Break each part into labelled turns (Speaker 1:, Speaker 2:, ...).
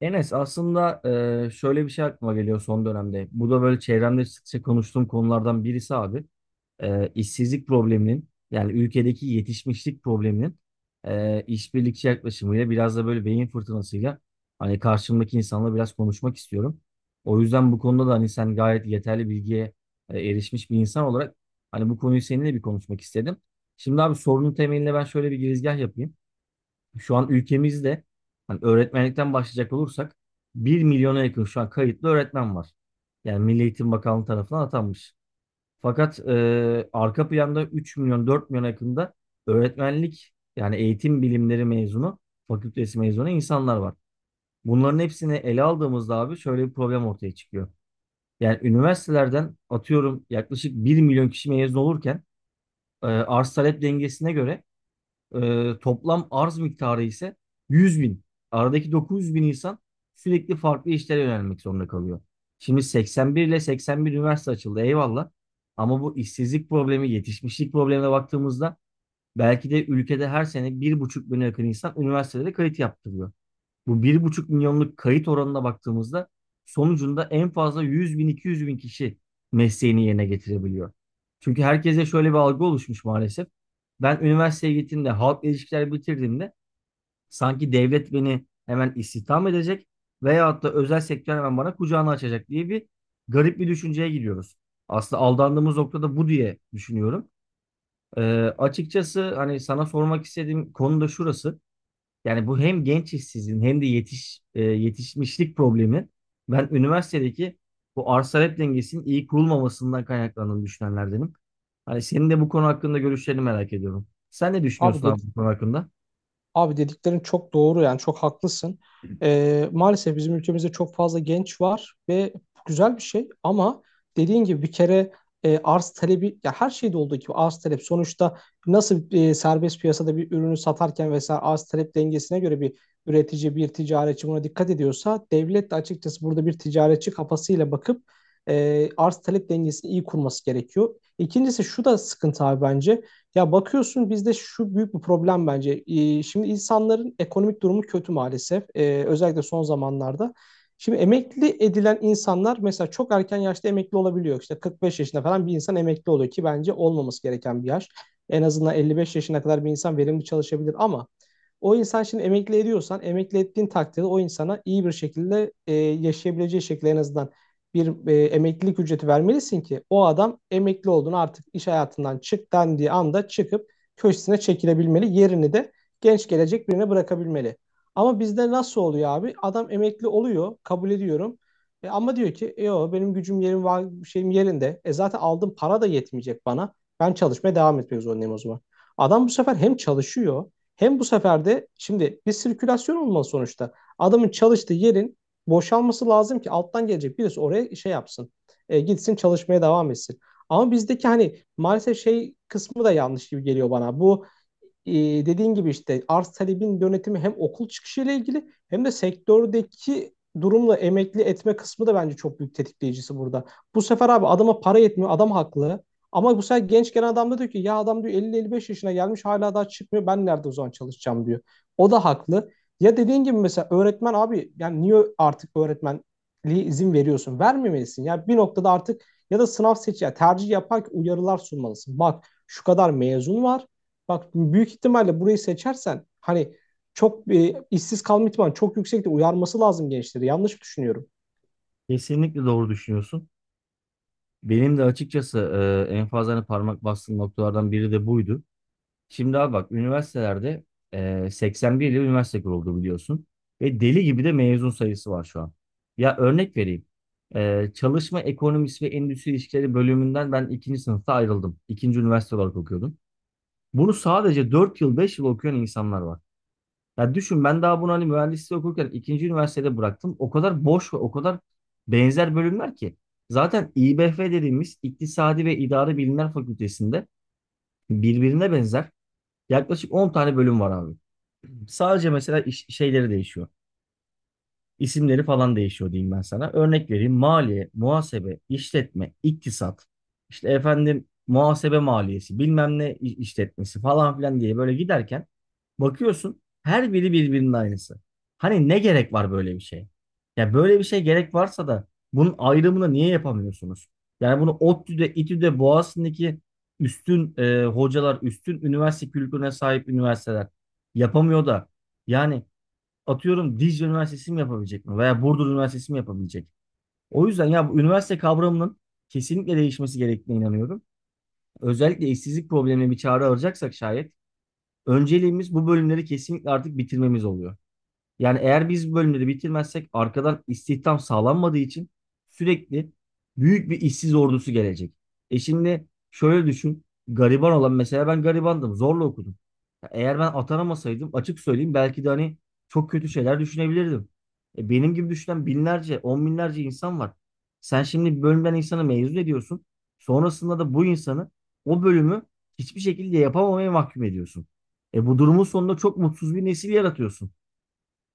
Speaker 1: Enes aslında şöyle bir şey aklıma geliyor son dönemde. Bu da böyle çevremde sıkça konuştuğum konulardan birisi abi. İşsizlik probleminin yani ülkedeki yetişmişlik probleminin işbirlikçi yaklaşımıyla biraz da böyle beyin fırtınasıyla hani karşımdaki insanla biraz konuşmak istiyorum. O yüzden bu konuda da hani sen gayet yeterli bilgiye erişmiş bir insan olarak hani bu konuyu seninle bir konuşmak istedim. Şimdi abi sorunun temeline ben şöyle bir girizgah yapayım, şu an ülkemizde hani öğretmenlikten başlayacak olursak bir milyona yakın şu an kayıtlı öğretmen var. Yani Milli Eğitim Bakanlığı tarafından atanmış. Fakat arka planda 3 milyon 4 milyona yakında öğretmenlik yani eğitim bilimleri mezunu, fakültesi mezunu insanlar var. Bunların hepsini ele aldığımızda abi şöyle bir problem ortaya çıkıyor. Yani üniversitelerden atıyorum yaklaşık bir milyon kişi mezun olurken arz talep dengesine göre toplam arz miktarı ise 100 bin. Aradaki 900 bin insan sürekli farklı işlere yönelmek zorunda kalıyor. Şimdi 81 ile 81 üniversite açıldı, eyvallah. Ama bu işsizlik problemi, yetişmişlik problemine baktığımızda belki de ülkede her sene bir buçuk bine yakın insan üniversitelere kayıt yaptırıyor. Bu bir buçuk milyonluk kayıt oranına baktığımızda sonucunda en fazla 100 bin 200 bin kişi mesleğini yerine getirebiliyor. Çünkü herkese şöyle bir algı oluşmuş maalesef. Ben üniversiteye gittiğimde halkla ilişkiler bitirdiğimde sanki devlet beni hemen istihdam edecek veyahut da özel sektör hemen bana kucağını açacak diye bir garip bir düşünceye gidiyoruz. Aslında aldandığımız noktada bu diye düşünüyorum. Ee, Açıkçası hani sana sormak istediğim konu da şurası. Yani bu hem genç işsizliğin hem de yetişmişlik problemi. Ben üniversitedeki bu arz talep dengesinin iyi kurulmamasından kaynaklandığını düşünenlerdenim. Hani senin de bu konu hakkında görüşlerini merak ediyorum. Sen ne
Speaker 2: Abi,
Speaker 1: düşünüyorsun abi bu konu hakkında?
Speaker 2: abi dediklerin çok doğru yani çok haklısın. Maalesef bizim ülkemizde çok fazla genç var ve bu güzel bir şey ama dediğin gibi bir kere arz talebi ya her şeyde olduğu gibi arz talep sonuçta nasıl serbest piyasada bir ürünü satarken vesaire arz talep dengesine göre bir üretici bir ticaretçi buna dikkat ediyorsa devlet de açıkçası burada bir ticaretçi kafasıyla bakıp arz talep dengesini iyi kurması gerekiyor. İkincisi şu da sıkıntı abi bence. Ya bakıyorsun bizde şu büyük bir problem bence. Şimdi insanların ekonomik durumu kötü maalesef. Özellikle son zamanlarda. Şimdi emekli edilen insanlar mesela çok erken yaşta emekli olabiliyor. İşte 45 yaşında falan bir insan emekli oluyor ki bence olmaması gereken bir yaş. En azından 55 yaşına kadar bir insan verimli çalışabilir ama o insan şimdi emekli ediyorsan emekli ettiğin takdirde o insana iyi bir şekilde yaşayabileceği şekilde en azından bir emeklilik ücreti vermelisin ki o adam emekli olduğunu artık iş hayatından çık dendiği anda çıkıp köşesine çekilebilmeli. Yerini de genç gelecek birine bırakabilmeli. Ama bizde nasıl oluyor abi? Adam emekli oluyor, kabul ediyorum. E, ama diyor ki "E, yo benim gücüm yerim var, şeyim yerinde. E zaten aldığım para da yetmeyecek bana. Ben çalışmaya devam etmek zorundayım o zaman. Adam bu sefer hem çalışıyor hem bu sefer de şimdi bir sirkülasyon olmalı sonuçta. Adamın çalıştığı yerin boşalması lazım ki alttan gelecek birisi oraya şey yapsın. Gitsin çalışmaya devam etsin. Ama bizdeki hani maalesef şey kısmı da yanlış gibi geliyor bana. Bu e, dediğin gibi işte arz talebin yönetimi hem okul çıkışıyla ilgili hem de sektördeki durumla emekli etme kısmı da bence çok büyük tetikleyicisi burada. Bu sefer abi adama para yetmiyor, adam haklı. Ama bu sefer genç gelen adam da diyor ki ya adam diyor 50-55 yaşına gelmiş hala daha çıkmıyor ben nerede o zaman çalışacağım diyor. O da haklı. Ya dediğin gibi mesela öğretmen abi yani niye artık öğretmenliğe izin veriyorsun? Vermemelisin. Ya bir noktada artık ya da sınav seç ya tercih yaparken uyarılar sunmalısın. Bak şu kadar mezun var. Bak büyük ihtimalle burayı seçersen hani çok işsiz kalma ihtimali çok yüksekti. Uyarması lazım gençleri. Yanlış mı düşünüyorum?
Speaker 1: Kesinlikle doğru düşünüyorsun. Benim de açıkçası en fazla hani parmak bastığım noktalardan biri de buydu. Şimdi abi bak üniversitelerde 81 yıl üniversite kuruldu biliyorsun. Ve deli gibi de mezun sayısı var şu an. Ya örnek vereyim. Çalışma ekonomisi ve endüstri ilişkileri bölümünden ben ikinci sınıfta ayrıldım. İkinci üniversite olarak okuyordum. Bunu sadece 4 yıl 5 yıl okuyan insanlar var. Ya düşün, ben daha bunu hani mühendisliği okurken ikinci üniversitede bıraktım. O kadar boş ve o kadar benzer bölümler ki. Zaten İBF dediğimiz İktisadi ve İdari Bilimler Fakültesinde birbirine benzer yaklaşık 10 tane bölüm var abi. Sadece mesela şeyleri değişiyor, isimleri falan değişiyor diyeyim ben sana. Örnek vereyim. Maliye, muhasebe, işletme, iktisat. İşte efendim muhasebe maliyesi, bilmem ne işletmesi falan filan diye böyle giderken bakıyorsun her biri birbirinin aynısı. Hani ne gerek var böyle bir şeye? Ya böyle bir şey gerek varsa da bunun ayrımını niye yapamıyorsunuz? Yani bunu ODTÜ'de, İTÜ'de, Boğaziçi'ndeki üstün hocalar, üstün üniversite kültürüne sahip üniversiteler yapamıyor da yani atıyorum Dicle Üniversitesi mi yapabilecek mi? Veya Burdur Üniversitesi mi yapabilecek? O yüzden ya bu üniversite kavramının kesinlikle değişmesi gerektiğine inanıyorum. Özellikle işsizlik problemine bir çare arayacaksak şayet önceliğimiz bu bölümleri kesinlikle artık bitirmemiz oluyor. Yani eğer biz bu bölümleri bitirmezsek arkadan istihdam sağlanmadığı için sürekli büyük bir işsiz ordusu gelecek. E şimdi şöyle düşün. Gariban olan, mesela ben garibandım. Zorla okudum. Eğer ben atanamasaydım açık söyleyeyim belki de hani çok kötü şeyler düşünebilirdim. Benim gibi düşünen binlerce, on binlerce insan var. Sen şimdi bir bölümden insanı mezun ediyorsun. Sonrasında da bu insanı o bölümü hiçbir şekilde yapamamaya mahkum ediyorsun. Bu durumun sonunda çok mutsuz bir nesil yaratıyorsun.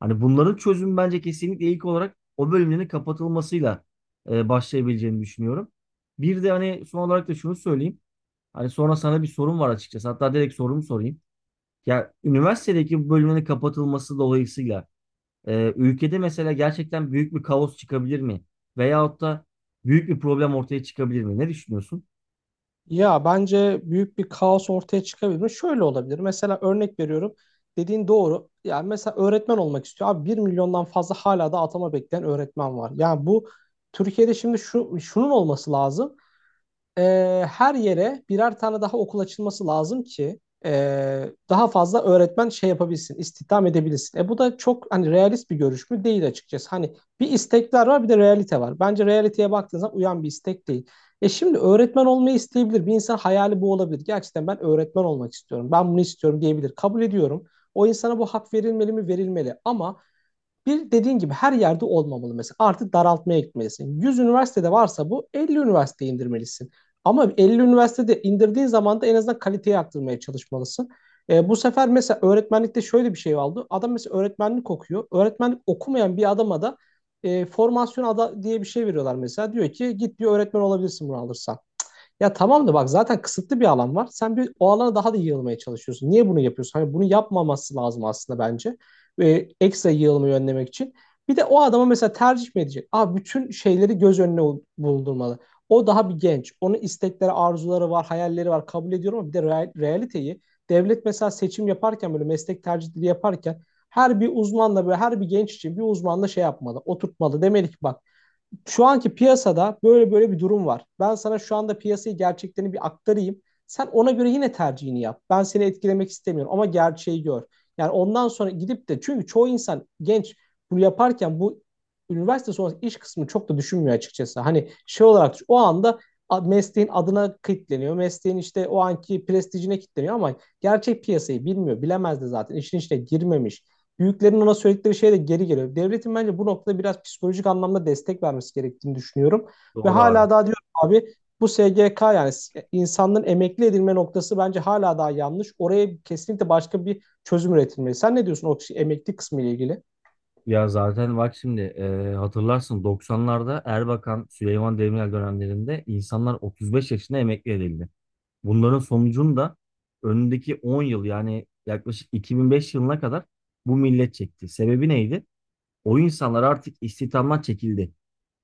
Speaker 1: Hani bunların çözümü bence kesinlikle ilk olarak o bölümlerin kapatılmasıyla başlayabileceğini düşünüyorum. Bir de hani son olarak da şunu söyleyeyim. Hani sonra sana bir sorum var açıkçası. Hatta direkt sorumu sorayım. Ya üniversitedeki bu bölümün kapatılması dolayısıyla ülkede mesela gerçekten büyük bir kaos çıkabilir mi? Veyahut da büyük bir problem ortaya çıkabilir mi? Ne düşünüyorsun?
Speaker 2: Ya bence büyük bir kaos ortaya çıkabilir mi? Şöyle olabilir. Mesela örnek veriyorum. Dediğin doğru. Yani mesela öğretmen olmak istiyor. Abi 1 milyondan fazla hala da atama bekleyen öğretmen var. Yani bu Türkiye'de şimdi şu şunun olması lazım e, her yere birer tane daha okul açılması lazım ki e, daha fazla öğretmen şey yapabilsin, istihdam edebilsin. E bu da çok hani realist bir görüş mü değil açıkçası. Hani bir istekler var bir de realite var. Bence realiteye baktığınız zaman uyan bir istek değil. E şimdi öğretmen olmayı isteyebilir. Bir insan hayali bu olabilir. Gerçekten ben öğretmen olmak istiyorum. Ben bunu istiyorum diyebilir. Kabul ediyorum. O insana bu hak verilmeli mi? Verilmeli. Ama bir dediğin gibi her yerde olmamalı mesela. Artık daraltmaya gitmelisin. 100 üniversitede varsa bu 50 üniversiteye indirmelisin. Ama 50 üniversitede indirdiğin zaman da en azından kaliteyi arttırmaya çalışmalısın. Bu sefer mesela öğretmenlikte şöyle bir şey oldu. Adam mesela öğretmenlik okuyor. Öğretmenlik okumayan bir adama da formasyon ada diye bir şey veriyorlar mesela. Diyor ki git diyor öğretmen olabilirsin bunu alırsan. Ya tamam da bak zaten kısıtlı bir alan var. Sen bir o alana daha da yığılmaya çalışıyorsun. Niye bunu yapıyorsun? Hani bunu yapmaması lazım aslında bence. Ekstra yığılmayı önlemek için. Bir de o adama mesela tercih mi edecek? Aa, bütün şeyleri göz önüne bulundurmalı. O daha bir genç. Onun istekleri, arzuları var, hayalleri var. Kabul ediyorum ama bir de realiteyi devlet mesela seçim yaparken böyle meslek tercihleri yaparken her bir uzmanla böyle her bir genç için bir uzmanla şey yapmalı, oturtmalı. Demeli ki bak şu anki piyasada böyle böyle bir durum var. Ben sana şu anda piyasayı gerçeklerini bir aktarayım. Sen ona göre yine tercihini yap. Ben seni etkilemek istemiyorum ama gerçeği gör. Yani ondan sonra gidip de çünkü çoğu insan genç bunu yaparken bu üniversite sonrası iş kısmını çok da düşünmüyor açıkçası. Hani şey olarak o anda mesleğin adına kilitleniyor. Mesleğin işte o anki prestijine kilitleniyor ama gerçek piyasayı bilmiyor. Bilemez de zaten. İşin içine girmemiş büyüklerin ona söyledikleri şey de geri geliyor. Devletin bence bu noktada biraz psikolojik anlamda destek vermesi gerektiğini düşünüyorum. Ve
Speaker 1: Doğru abi.
Speaker 2: hala daha diyorum abi bu SGK yani insanların emekli edilme noktası bence hala daha yanlış. Oraya kesinlikle başka bir çözüm üretilmeli. Sen ne diyorsun o emekli kısmı ile ilgili?
Speaker 1: Ya zaten bak şimdi hatırlarsın 90'larda Erbakan, Süleyman Demirel dönemlerinde insanlar 35 yaşında emekli edildi. Bunların sonucunda önündeki 10 yıl yani yaklaşık 2005 yılına kadar bu millet çekti. Sebebi neydi? O insanlar artık istihdamdan çekildi.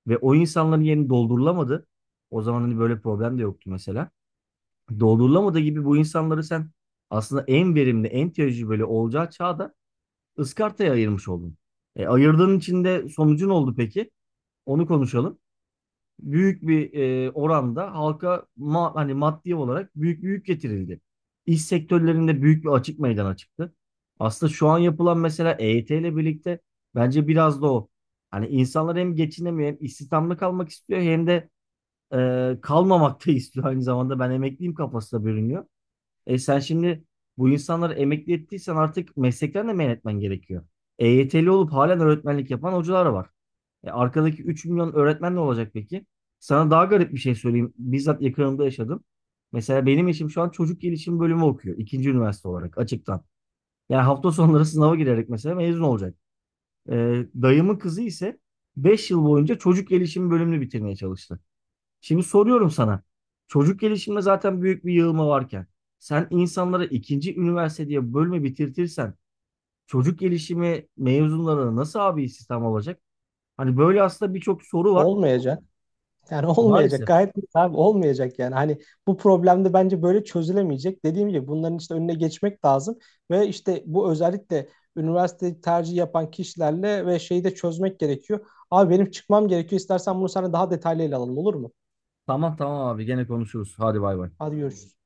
Speaker 1: Ve o insanların yerini doldurulamadı. O zaman hani böyle problem de yoktu mesela. Doldurulamadığı gibi bu insanları sen aslında en verimli, en tecrübeli olacağı çağda ıskartaya ayırmış oldun. Ayırdığın için de sonucu ne oldu peki? Onu konuşalım. Büyük bir oranda halka hani maddi olarak büyük bir yük getirildi. İş sektörlerinde büyük bir açık meydana çıktı. Aslında şu an yapılan mesela EYT ile birlikte bence biraz da o. Hani insanlar hem geçinemiyor hem istihdamlı kalmak istiyor hem de kalmamak da istiyor aynı zamanda. Ben emekliyim kafasına bürünüyor. E sen şimdi bu insanları emekli ettiysen artık meslekten de men etmen gerekiyor. EYT'li olup halen öğretmenlik yapan hocalar var. Arkadaki 3 milyon öğretmen ne olacak peki? Sana daha garip bir şey söyleyeyim. Bizzat yakınımda yaşadım. Mesela benim eşim şu an çocuk gelişim bölümü okuyor. İkinci üniversite olarak açıktan. Yani hafta sonları sınava girerek mesela mezun olacak. E, Dayımın kızı ise 5 yıl boyunca çocuk gelişim bölümünü bitirmeye çalıştı. Şimdi soruyorum sana. Çocuk gelişiminde zaten büyük bir yığılma varken sen insanlara ikinci üniversite diye bölme bitirtirsen çocuk gelişimi mezunlarına nasıl abi istihdam olacak? Hani böyle aslında birçok soru var.
Speaker 2: Olmayacak. Yani olmayacak.
Speaker 1: Maalesef.
Speaker 2: Gayet net abi olmayacak yani. Hani bu problem de bence böyle çözülemeyecek. Dediğim gibi bunların işte önüne geçmek lazım ve işte bu özellikle üniversite tercih yapan kişilerle ve şeyi de çözmek gerekiyor. Abi benim çıkmam gerekiyor. İstersen bunu sana daha detaylı ele alalım olur mu?
Speaker 1: Tamam tamam abi gene konuşuruz. Hadi bay bay.
Speaker 2: Hadi görüşürüz.